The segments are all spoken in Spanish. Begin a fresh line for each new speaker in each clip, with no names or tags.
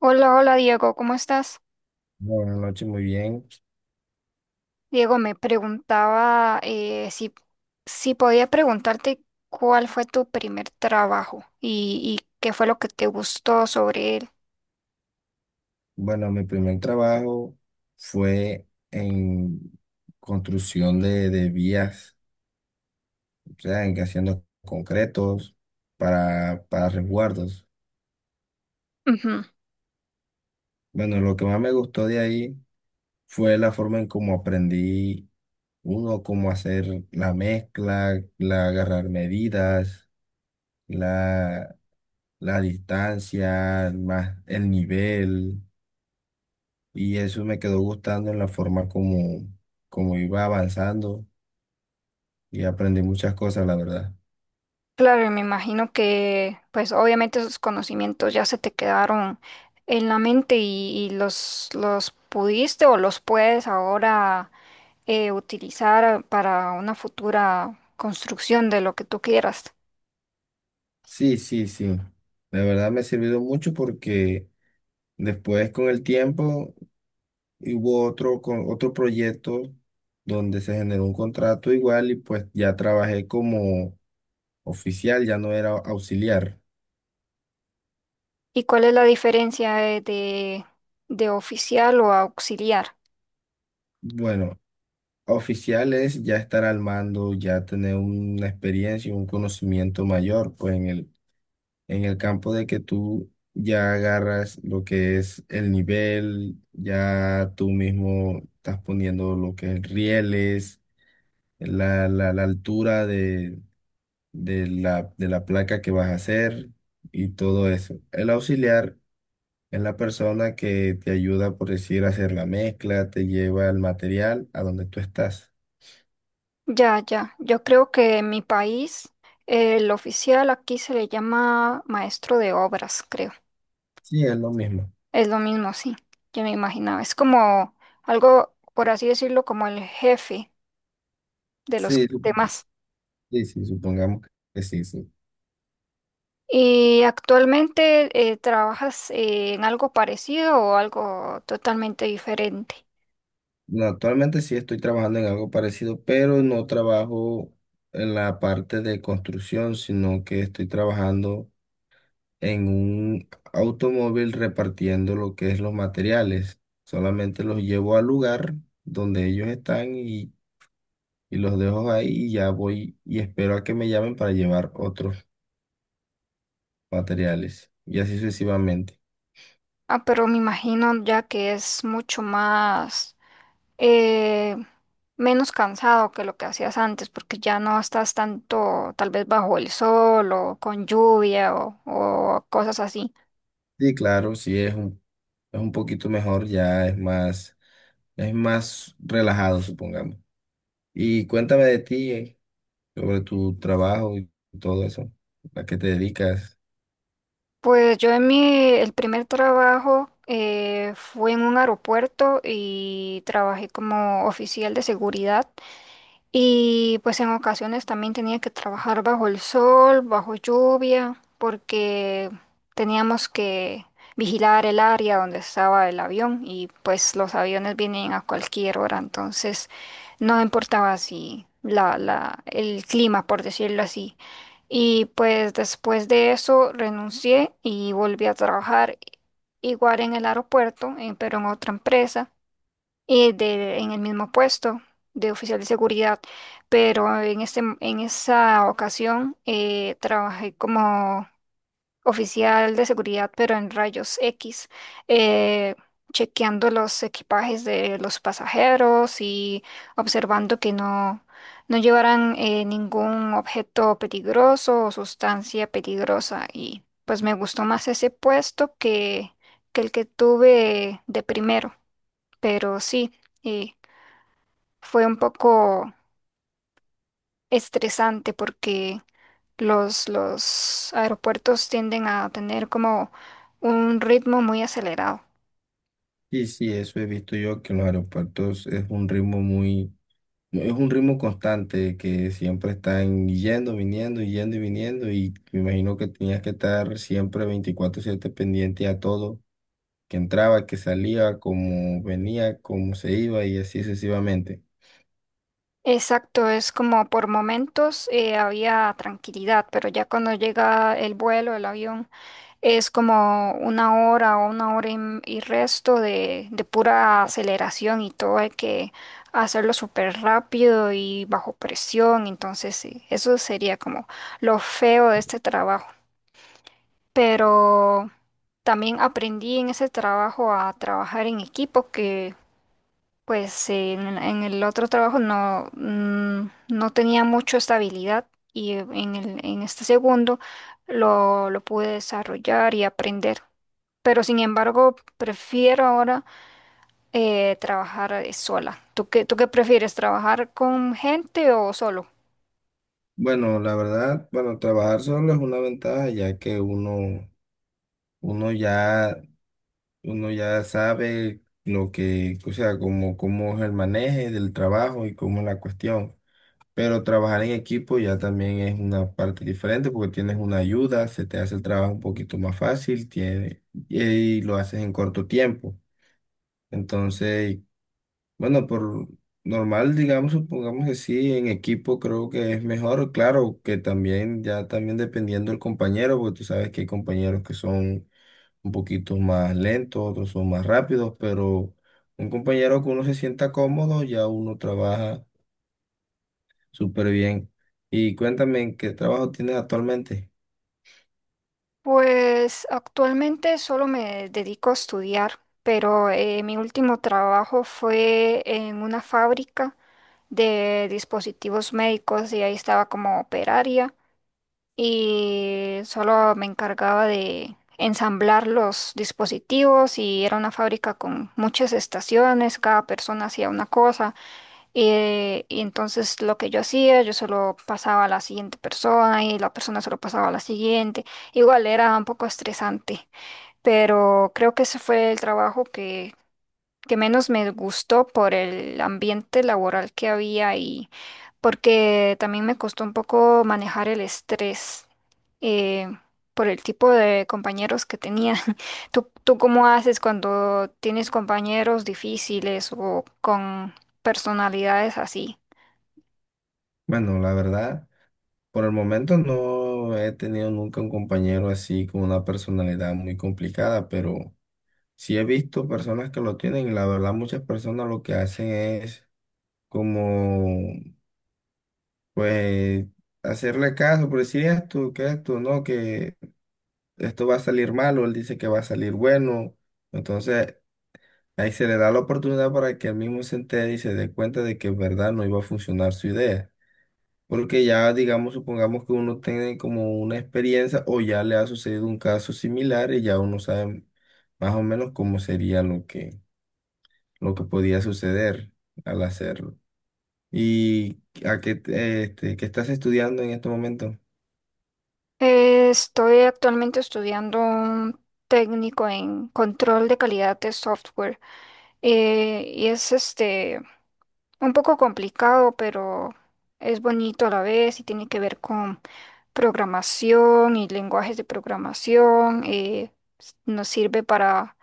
Hola, hola Diego, ¿cómo estás?
Buenas noches, muy bien.
Diego, me preguntaba si, si podía preguntarte cuál fue tu primer trabajo y qué fue lo que te gustó sobre él.
Bueno, mi primer trabajo fue en construcción de vías, o sea, en que haciendo concretos para resguardos.
Ujú.
Bueno, lo que más me gustó de ahí fue la forma en cómo aprendí uno, cómo hacer la mezcla, la agarrar medidas, la, la distancia, más el nivel. Y eso me quedó gustando en la forma como iba avanzando y aprendí muchas cosas, la verdad.
Claro, y me imagino que pues obviamente esos conocimientos ya se te quedaron en la mente y los pudiste o los puedes ahora utilizar para una futura construcción de lo que tú quieras.
Sí, sí, sí. La verdad me ha servido mucho porque después con el tiempo hubo otro, con otro proyecto donde se generó un contrato igual y pues ya trabajé como oficial, ya no era auxiliar.
¿Y cuál es la diferencia de oficial o auxiliar?
Bueno, oficial es ya estar al mando, ya tener una experiencia, un conocimiento mayor pues en en el campo de que tú ya agarras lo que es el nivel, ya tú mismo estás poniendo lo que es rieles, la altura de la placa que vas a hacer y todo eso. El auxiliar es la persona que te ayuda, por decir, a hacer la mezcla, te lleva el material a donde tú estás.
Ya, ya. Yo creo que en mi país el oficial aquí se le llama maestro de obras, creo.
Sí, es lo mismo.
Es lo mismo, sí. Yo me imaginaba. Es como algo, por así decirlo, como el jefe de los
Sí, sup-
demás.
sí, sí, supongamos que sí. Sí.
¿Y actualmente trabajas en algo parecido o algo totalmente diferente?
No, actualmente sí estoy trabajando en algo parecido, pero no trabajo en la parte de construcción, sino que estoy trabajando en un automóvil repartiendo lo que es los materiales. Solamente los llevo al lugar donde ellos están y los dejo ahí y ya voy y espero a que me llamen para llevar otros materiales y así sucesivamente.
Ah, pero me imagino ya que es mucho más eh, menos cansado que lo que hacías antes, porque ya no estás tanto tal vez bajo el sol o con lluvia o cosas así.
Sí, claro, es un poquito mejor, es más relajado, supongamos. Y cuéntame de ti, sobre tu trabajo y todo eso, a qué te dedicas.
Pues yo el primer trabajo fue en un aeropuerto y trabajé como oficial de seguridad. Y pues en ocasiones también tenía que trabajar bajo el sol, bajo lluvia, porque teníamos que vigilar el área donde estaba el avión y pues los aviones vienen a cualquier hora, entonces no importaba si el clima, por decirlo así. Y pues después de eso renuncié y volví a trabajar igual en el aeropuerto, pero en otra empresa en el mismo puesto de oficial de seguridad, pero en esa ocasión trabajé como oficial de seguridad, pero en rayos X. eh, Chequeando los equipajes de los pasajeros y observando que no llevaran ningún objeto peligroso o sustancia peligrosa. Y pues me gustó más ese puesto que el que tuve de primero, pero sí. eh, Fue un poco estresante porque los aeropuertos tienden a tener como un ritmo muy acelerado.
Sí, sí, eso he visto yo que en los aeropuertos es un ritmo constante, que siempre están yendo, viniendo, yendo y viniendo, y me imagino que tenías que estar siempre 24/7 pendiente a todo, que entraba, que salía, cómo venía, cómo se iba y así sucesivamente.
Exacto, es como por momentos había tranquilidad, pero ya cuando llega el vuelo, el avión, es como una hora o una hora y resto de pura aceleración y todo hay que hacerlo súper rápido y bajo presión, entonces sí, eso sería como lo feo de este trabajo. Pero también aprendí en ese trabajo a trabajar en equipo que pues en el otro trabajo no, no tenía mucho estabilidad y en este segundo lo pude desarrollar y aprender. Pero sin embargo, prefiero ahora trabajar sola. Tú qué prefieres, trabajar con gente o solo?
Bueno, la verdad, bueno, trabajar solo es una ventaja ya que uno ya uno ya sabe lo que, o sea, cómo es el manejo del trabajo y cómo es la cuestión. Pero trabajar en equipo ya también es una parte diferente porque tienes una ayuda, se te hace el trabajo un poquito más fácil, tiene, y lo haces en corto tiempo. Entonces, bueno, por normal, digamos, supongamos que sí, en equipo creo que es mejor, claro, que también, ya también dependiendo del compañero, porque tú sabes que hay compañeros que son un poquito más lentos, otros son más rápidos, pero un compañero que uno se sienta cómodo, ya uno trabaja súper bien. Y cuéntame, ¿en ¿qué trabajo tienes actualmente?
Pues actualmente solo me dedico a estudiar, pero mi último trabajo fue en una fábrica de dispositivos médicos y ahí estaba como operaria y solo me encargaba de ensamblar los dispositivos, y era una fábrica con muchas estaciones, cada persona hacía una cosa. Y entonces lo que yo hacía, yo solo pasaba a la siguiente persona y la persona solo pasaba a la siguiente. Igual era un poco estresante, pero creo que ese fue el trabajo que menos me gustó por el ambiente laboral que había y porque también me costó un poco manejar el estrés eh, por el tipo de compañeros que tenía. ¿Tú, tú cómo haces cuando tienes compañeros difíciles o con personalidades así?
Bueno, la verdad, por el momento no he tenido nunca un compañero así con una personalidad muy complicada, pero sí he visto personas que lo tienen, y la verdad muchas personas lo que hacen es como, pues, hacerle caso, por decir esto, que esto, no, que esto va a salir malo, él dice que va a salir bueno. Entonces, ahí se le da la oportunidad para que él mismo se entere y se dé cuenta de que en verdad no iba a funcionar su idea. Porque ya, digamos, supongamos que uno tiene como una experiencia o ya le ha sucedido un caso similar y ya uno sabe más o menos cómo sería lo que podía suceder al hacerlo. ¿Y a qué, te- este, qué estás estudiando en este momento?
Estoy actualmente estudiando un técnico en control de calidad de software, y es este un poco complicado, pero es bonito a la vez y tiene que ver con programación y lenguajes de programación. Nos sirve para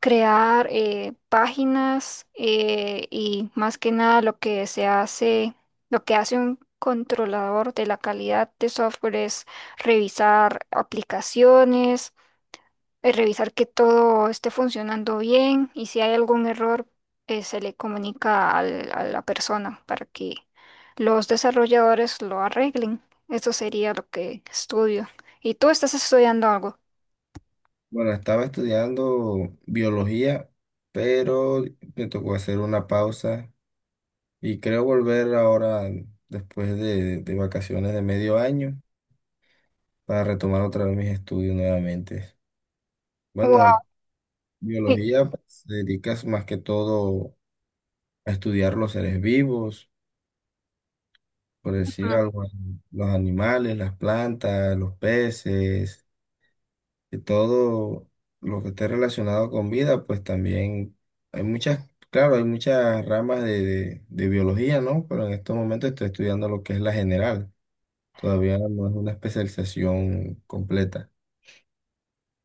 crear páginas. Y más que nada lo que se hace, lo que hace un controlador de la calidad de software es revisar aplicaciones, revisar que todo esté funcionando bien y si hay algún error se le comunica a la persona para que los desarrolladores lo arreglen. Eso sería lo que estudio. ¿Y tú estás estudiando algo?
Bueno, estaba estudiando biología, pero me tocó hacer una pausa y creo volver ahora después de vacaciones de medio año para retomar otra vez mis estudios nuevamente. Bueno,
Wow.
biología pues, se dedica más que todo a estudiar los seres vivos, por decir algo, los animales, las plantas, los peces y todo lo que esté relacionado con vida, pues también hay muchas, claro, hay muchas ramas de biología, ¿no? Pero en estos momentos estoy estudiando lo que es la general. Todavía no es una especialización completa.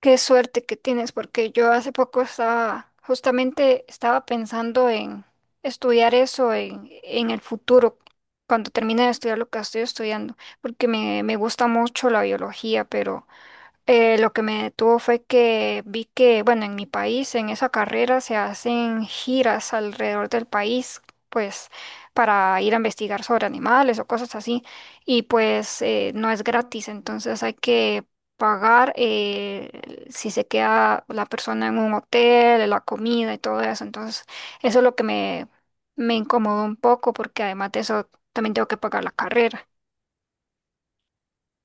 Qué suerte que tienes, porque yo hace poco estaba, justamente estaba pensando en estudiar eso en el futuro, cuando termine de estudiar lo que estoy estudiando, porque me gusta mucho la biología, pero lo que me detuvo fue que vi que, bueno, en mi país, en esa carrera se hacen giras alrededor del país, pues para ir a investigar sobre animales o cosas así, y pues no es gratis, entonces hay que pagar si se queda la persona en un hotel, la comida y todo eso, entonces eso es lo que me incomodó un poco porque además de eso también tengo que pagar la carrera.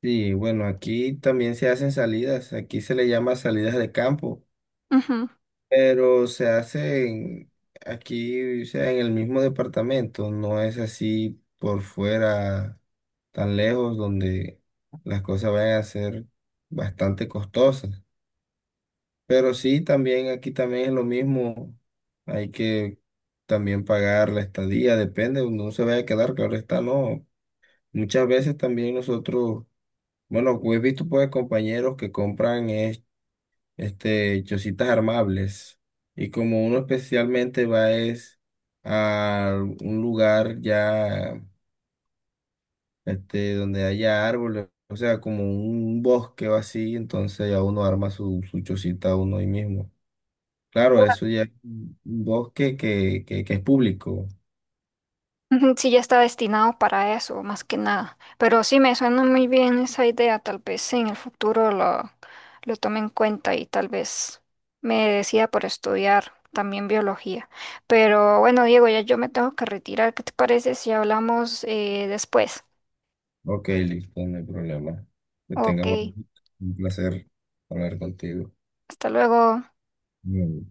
Sí, bueno, aquí también se hacen salidas, aquí se le llama salidas de campo,
Ujú.
pero se hacen aquí, o sea, en el mismo departamento, no es así por fuera tan lejos donde las cosas vayan a ser bastante costosas. Pero sí, también aquí también es lo mismo. Hay que también pagar la estadía, depende, uno se vaya a quedar, claro está, no. Muchas veces también nosotros, bueno, he visto pues compañeros que compran chocitas armables y como uno especialmente va es a un lugar ya este, donde haya árboles, o sea, como un bosque o así, entonces ya uno arma su chocita uno ahí mismo. Claro, eso ya es un bosque que es público.
Ujú. Sí, ya está destinado para eso, más que nada. Pero sí, me suena muy bien esa idea. Tal vez en el futuro lo tome en cuenta y tal vez me decida por estudiar también biología. Pero bueno, Diego, ya yo me tengo que retirar. ¿Qué te parece si hablamos después?
Ok, listo, no hay problema. Que tenga
Ok,
buen, un placer hablar contigo.
hasta luego.
Mm.